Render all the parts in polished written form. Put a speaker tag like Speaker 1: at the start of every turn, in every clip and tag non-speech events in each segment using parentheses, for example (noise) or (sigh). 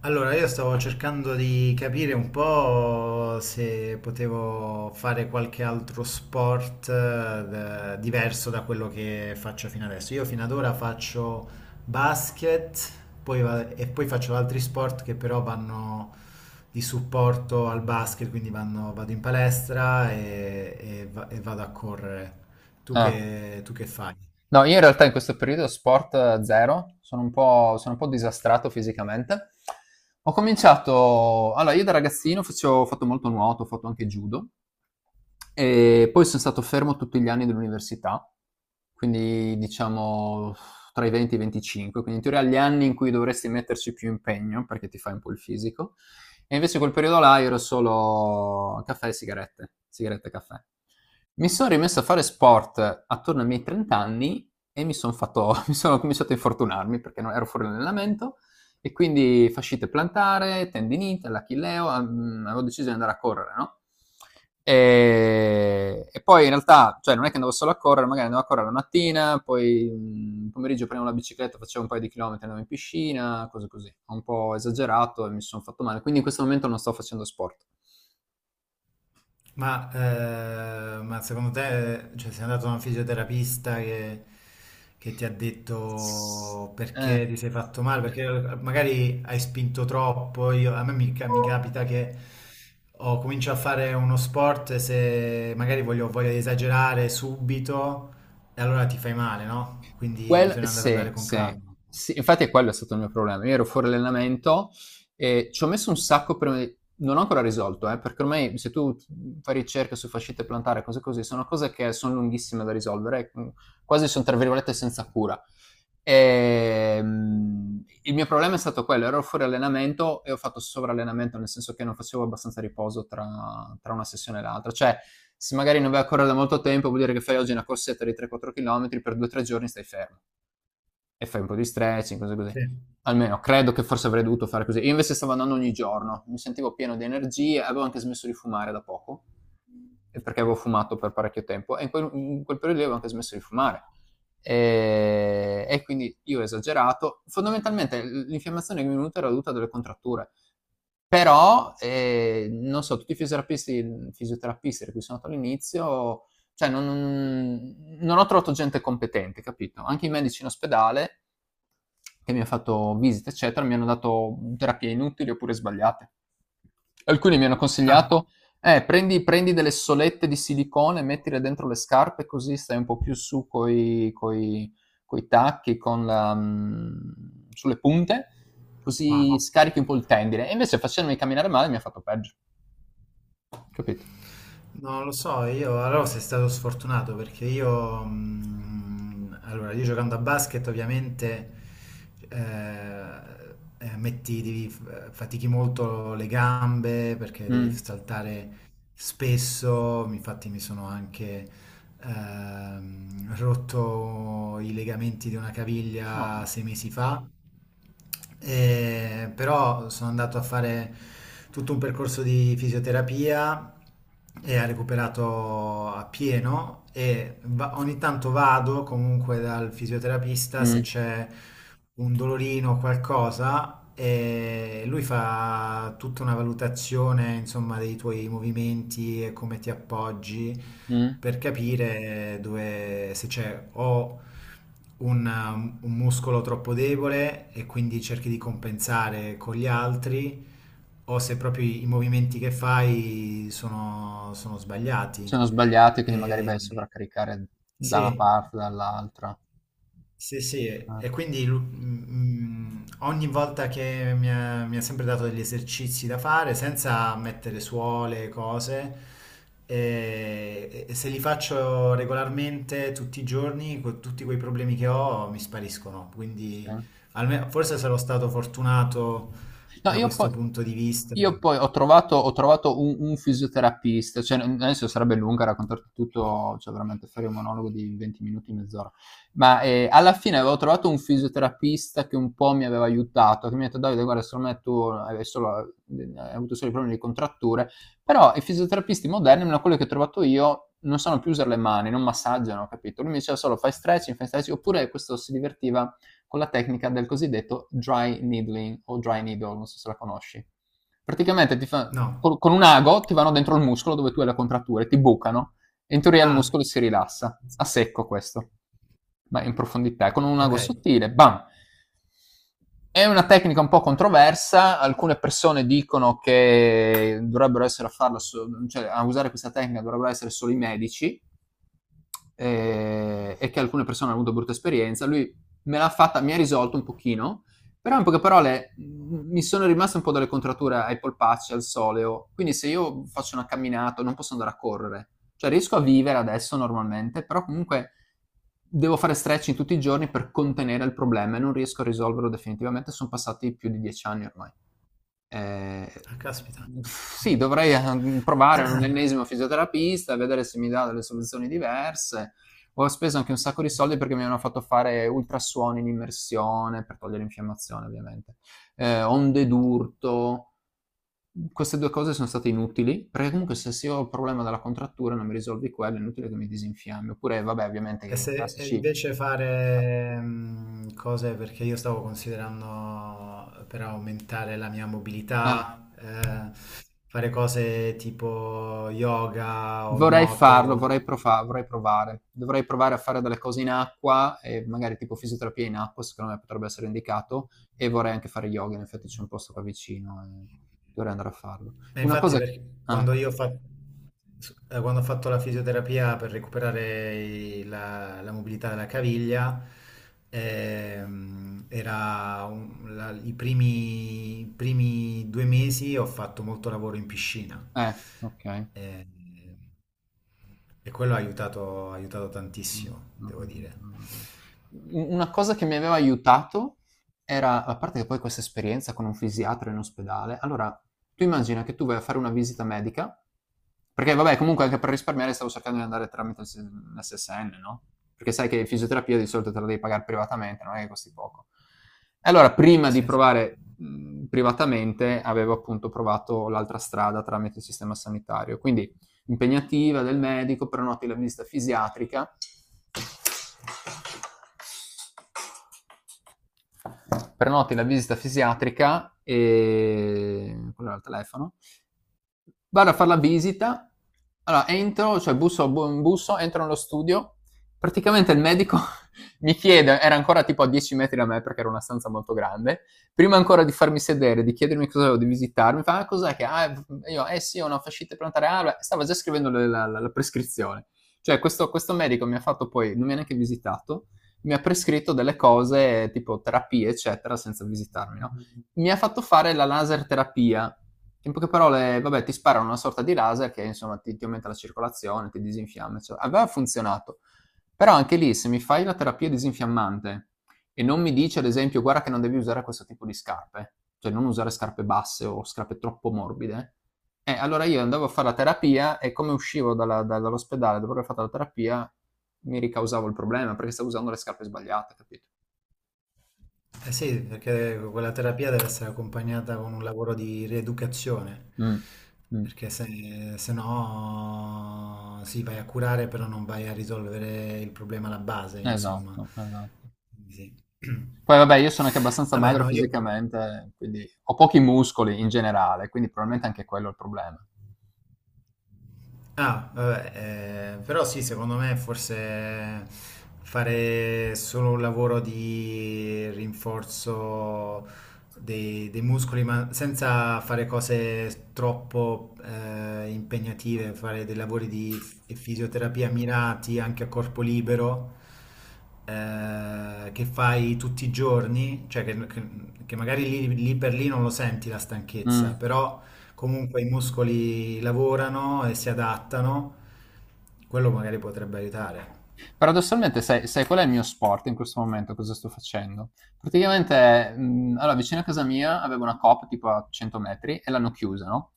Speaker 1: Allora, io stavo cercando di capire un po' se potevo fare qualche altro sport diverso da quello che faccio fino adesso. Io fino ad ora faccio basket, poi e poi faccio altri sport che però vanno di supporto al basket, quindi vado in palestra e vado a correre.
Speaker 2: Ah.
Speaker 1: Tu che fai?
Speaker 2: No, io in realtà in questo periodo sport zero, sono un po' disastrato fisicamente. Ho cominciato, allora io da ragazzino ho fatto molto nuoto, ho fatto anche judo, e poi sono stato fermo tutti gli anni dell'università, quindi diciamo tra i 20 e i 25, quindi in teoria gli anni in cui dovresti metterci più impegno perché ti fai un po' il fisico. E invece quel periodo là ero solo caffè e sigarette, sigarette e caffè. Mi sono rimesso a fare sport attorno ai miei 30 anni e (laughs) mi sono cominciato a infortunarmi perché non ero fuori allenamento e quindi fascite plantare, tendinite, l'achilleo, avevo deciso di andare a correre, no? E poi in realtà, cioè non è che andavo solo a correre, magari andavo a correre la mattina, poi pomeriggio prendevo la bicicletta, facevo un paio di chilometri, andavo in piscina, cose così. Ho un po' esagerato e mi sono fatto male, quindi in questo momento non sto facendo sport.
Speaker 1: Ma, ma secondo te, cioè, sei andato da un fisioterapista che ti ha detto
Speaker 2: Eh.
Speaker 1: perché ti sei fatto male? Perché magari hai spinto troppo. Io- a me mi, ca- mi capita che ho comincio a fare uno sport e se magari voglio esagerare subito, e allora ti fai male, no? Quindi bisogna
Speaker 2: Sì,
Speaker 1: andare con
Speaker 2: sì,
Speaker 1: calma.
Speaker 2: sì, infatti è quello è stato il mio problema. Io ero fuori allenamento e ci ho messo un sacco prima di. Non ho ancora risolto, perché ormai se tu fai ricerche su fascite plantare, cose così, sono cose che sono lunghissime da risolvere, quasi sono tra virgolette senza cura. E, il mio problema è stato quello, ero fuori allenamento e ho fatto sovrallenamento, nel senso che non facevo abbastanza riposo tra una sessione e l'altra. Cioè, se magari non vai a correre da molto tempo, vuol dire che fai oggi una corsetta di 3-4 km, per 2-3 giorni stai fermo e fai un po' di stretching, cose così.
Speaker 1: Sì.
Speaker 2: Almeno credo che forse avrei dovuto fare così. Io invece stavo andando ogni giorno, mi sentivo pieno di energie, avevo anche smesso di fumare da poco, e perché avevo fumato per parecchio tempo, e in quel periodo lì avevo anche smesso di fumare. E quindi io ho esagerato. Fondamentalmente l'infiammazione che mi è venuta era dovuta a delle contratture. Però, non so, tutti i fisioterapisti di cui sono andato all'inizio, cioè non ho trovato gente competente, capito? Anche i medici in ospedale che mi hanno fatto visite, eccetera, mi hanno dato terapie inutili oppure sbagliate. Alcuni mi hanno
Speaker 1: Ah,
Speaker 2: consigliato, prendi delle solette di silicone, mettile dentro le scarpe, così stai un po' più su coi tacchi, sulle punte,
Speaker 1: wow.
Speaker 2: così scarichi un po' il tendine. E invece facendomi camminare male mi ha fatto peggio, capito?
Speaker 1: No, lo so, io allora sei stato sfortunato perché io, allora, io giocando a basket ovviamente eh, metti, devi fatichi molto le gambe perché devi
Speaker 2: Mm.
Speaker 1: saltare spesso, infatti mi sono anche rotto i legamenti di una caviglia
Speaker 2: No.
Speaker 1: 6 mesi fa, però sono andato a fare tutto un percorso di fisioterapia e ha recuperato appieno e ogni tanto vado comunque dal fisioterapista se
Speaker 2: Mm,
Speaker 1: c'è un dolorino o qualcosa e lui fa tutta una valutazione, insomma, dei tuoi movimenti e come ti appoggi
Speaker 2: mm.
Speaker 1: per capire dove, se c'è o un muscolo troppo debole e quindi cerchi di compensare con gli altri, o se proprio i movimenti che fai sono sbagliati.
Speaker 2: Sono sbagliati, quindi magari vai a
Speaker 1: E-
Speaker 2: sovraccaricare da una
Speaker 1: sì.
Speaker 2: parte, dall'altra.
Speaker 1: Sì, sì,
Speaker 2: Eh,
Speaker 1: e quindi ogni volta che mi ha sempre dato degli esercizi da fare senza mettere suole, cose, e se li faccio regolarmente tutti i giorni, con tutti quei problemi che ho mi spariscono.
Speaker 2: sì.
Speaker 1: Quindi forse sarò stato fortunato
Speaker 2: No,
Speaker 1: da
Speaker 2: io poi,
Speaker 1: questo punto di vista.
Speaker 2: io poi ho trovato un fisioterapista, cioè adesso sarebbe lunga raccontarti tutto, cioè veramente fare un monologo di 20 minuti, mezz'ora, ma alla fine avevo trovato un fisioterapista che un po' mi aveva aiutato, che mi ha detto Davide, guarda, secondo me tu hai, solo, hai avuto solo i problemi di contratture, però i fisioterapisti moderni, almeno quelli che ho trovato io, non sanno più usare le mani, non massaggiano, capito? Lui mi diceva solo fai stretching, oppure questo si divertiva con la tecnica del cosiddetto dry needling o dry needle, non so se la conosci. Praticamente ti fa,
Speaker 1: No.
Speaker 2: con un ago ti vanno dentro il muscolo dove tu hai la contrattura e ti bucano e in teoria il
Speaker 1: Ah,
Speaker 2: muscolo si rilassa, a secco questo, ma in profondità, con un ago
Speaker 1: ok.
Speaker 2: sottile, bam! È una tecnica un po' controversa, alcune persone dicono che dovrebbero essere a farla, cioè a usare questa tecnica dovrebbero essere solo i medici, e che alcune persone hanno avuto brutta esperienza. Lui me l'ha fatta, mi ha risolto un pochino, però in poche parole mi sono rimaste un po' delle contrature ai polpacci, al soleo, quindi se io faccio una camminata non posso andare a correre, cioè riesco a vivere adesso normalmente, però comunque devo fare stretching tutti i giorni per contenere il problema e non riesco a risolverlo definitivamente, sono passati più di 10 anni ormai. Ehm,
Speaker 1: Ah, caspita.
Speaker 2: mhmm, sì, dovrei, provare un
Speaker 1: (clears throat)
Speaker 2: ennesimo fisioterapista, vedere se mi dà delle soluzioni diverse. Ho speso anche un sacco di soldi perché mi hanno fatto fare ultrasuoni in immersione per togliere infiammazione ovviamente, onde d'urto. Queste 2 cose sono state inutili, perché comunque se ho il problema della contrattura non mi risolvi quello, è inutile che mi disinfiammi. Oppure vabbè
Speaker 1: E
Speaker 2: ovviamente
Speaker 1: se e
Speaker 2: classici
Speaker 1: invece fare cose perché io stavo considerando per aumentare la mia
Speaker 2: eh.
Speaker 1: mobilità, fare cose tipo yoga o
Speaker 2: Vorrei farlo,
Speaker 1: nuoto.
Speaker 2: vorrei provare. Dovrei provare a fare delle cose in acqua e magari tipo fisioterapia in acqua, secondo me potrebbe essere indicato e vorrei anche fare yoga, in effetti c'è un posto qua vicino e dovrei andare a farlo.
Speaker 1: E
Speaker 2: Una
Speaker 1: infatti
Speaker 2: cosa
Speaker 1: perché quando quando ho fatto la fisioterapia per recuperare la mobilità della caviglia, era un- la- i primi, i primi 2 mesi ho fatto molto lavoro in piscina.
Speaker 2: eh, okay.
Speaker 1: Eh, e quello ha aiutato
Speaker 2: Mh,
Speaker 1: tantissimo,
Speaker 2: mh,
Speaker 1: devo
Speaker 2: mh,
Speaker 1: dire.
Speaker 2: mh, mh. U una cosa che mi aveva aiutato era a parte che poi questa esperienza con un fisiatra in ospedale allora, tu immagina che tu vai a fare una visita medica perché vabbè comunque anche per risparmiare stavo cercando di andare tramite il s l'SSN, no, perché sai che fisioterapia di solito te la devi pagare privatamente, non è che costi poco. E allora prima di
Speaker 1: Sì.
Speaker 2: provare, privatamente avevo appunto provato l'altra strada tramite il sistema sanitario. Quindi impegnativa del medico, prenoti la visita fisiatrica. Prenoti la visita fisiatrica e quello era il telefono. Vado a fare la visita, allora entro, cioè busso, entro nello studio, praticamente il medico (laughs) mi chiede, era ancora tipo a 10 metri da me perché era una stanza molto grande, prima ancora di farmi sedere, di chiedermi cosa avevo, di visitarmi, mi fa, ah, cos'è che, ah, io, eh sì, ho una fascite plantare, ah, beh, stava già scrivendo la prescrizione. Cioè questo medico mi ha fatto poi, non mi ha neanche visitato, mi ha prescritto delle cose tipo terapie, eccetera, senza visitarmi, no? Mi ha fatto fare la laser terapia. In poche parole, vabbè, ti sparano una sorta di laser che insomma ti aumenta la circolazione, ti disinfiamma, eccetera. Aveva funzionato. Però anche lì, se mi fai la terapia disinfiammante e non mi dici, ad esempio, guarda che non devi usare questo tipo di scarpe, cioè non usare scarpe basse o scarpe troppo morbide, allora io andavo a fare la terapia e come uscivo dall'ospedale dopo aver fatto la terapia mi ricausavo il problema perché stavo usando le scarpe sbagliate, capito?
Speaker 1: Eh sì, perché quella terapia deve essere accompagnata con un lavoro di rieducazione,
Speaker 2: Mm, mm.
Speaker 1: perché se no sì, vai a curare, però non vai a risolvere il problema alla base, insomma.
Speaker 2: Esatto, esatto.
Speaker 1: Quindi sì.
Speaker 2: Poi vabbè, io
Speaker 1: (clears throat)
Speaker 2: sono anche abbastanza
Speaker 1: Vabbè,
Speaker 2: magro
Speaker 1: no, io...
Speaker 2: fisicamente, quindi ho pochi muscoli in generale, quindi probabilmente anche quello è il problema.
Speaker 1: Ah, vabbè, però sì, secondo me forse fare solo un lavoro di rinforzo dei muscoli, ma senza fare cose troppo impegnative, fare dei lavori di fisioterapia mirati anche a corpo libero, che fai tutti i giorni, che magari lì lì per lì non lo senti la
Speaker 2: Mh.
Speaker 1: stanchezza, però... Comunque i muscoli lavorano e si adattano, quello magari potrebbe aiutare.
Speaker 2: Paradossalmente, sai qual è il mio sport in questo momento? Cosa sto facendo? Praticamente, allora, vicino a casa mia avevo una Coop tipo a 100 metri e l'hanno chiusa, no?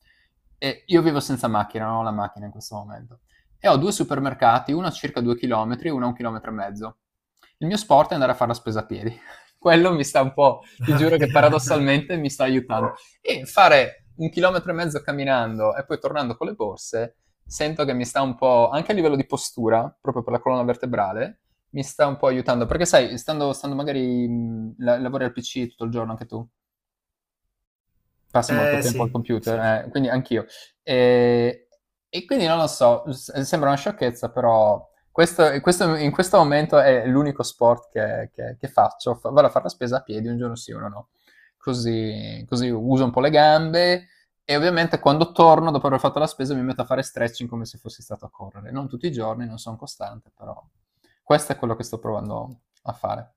Speaker 2: E io vivo senza macchina, non ho la macchina in questo momento. E ho due supermercati, uno a circa 2 chilometri e uno a un chilometro e mezzo. Il mio sport è andare a fare la spesa a piedi. (laughs) Quello mi sta un po', ti giuro che
Speaker 1: (laughs) Ok.
Speaker 2: paradossalmente mi sta aiutando. E fare un chilometro e mezzo camminando e poi tornando con le borse sento che mi sta un po', anche a livello di postura, proprio per la colonna vertebrale, mi sta un po' aiutando. Perché sai, stando magari, lavori al PC tutto il giorno anche tu, passi molto
Speaker 1: Eh
Speaker 2: tempo al
Speaker 1: sì,
Speaker 2: computer,
Speaker 1: sì.
Speaker 2: quindi anch'io. E, e quindi non lo so, sembra una sciocchezza, però in questo momento è l'unico sport che faccio. Vado a fare la spesa a piedi un giorno sì, uno no. Così uso un po' le gambe e ovviamente quando torno dopo aver fatto la spesa mi metto a fare stretching come se fossi stato a correre. Non tutti i giorni, non sono costante, però questo è quello che sto provando a fare.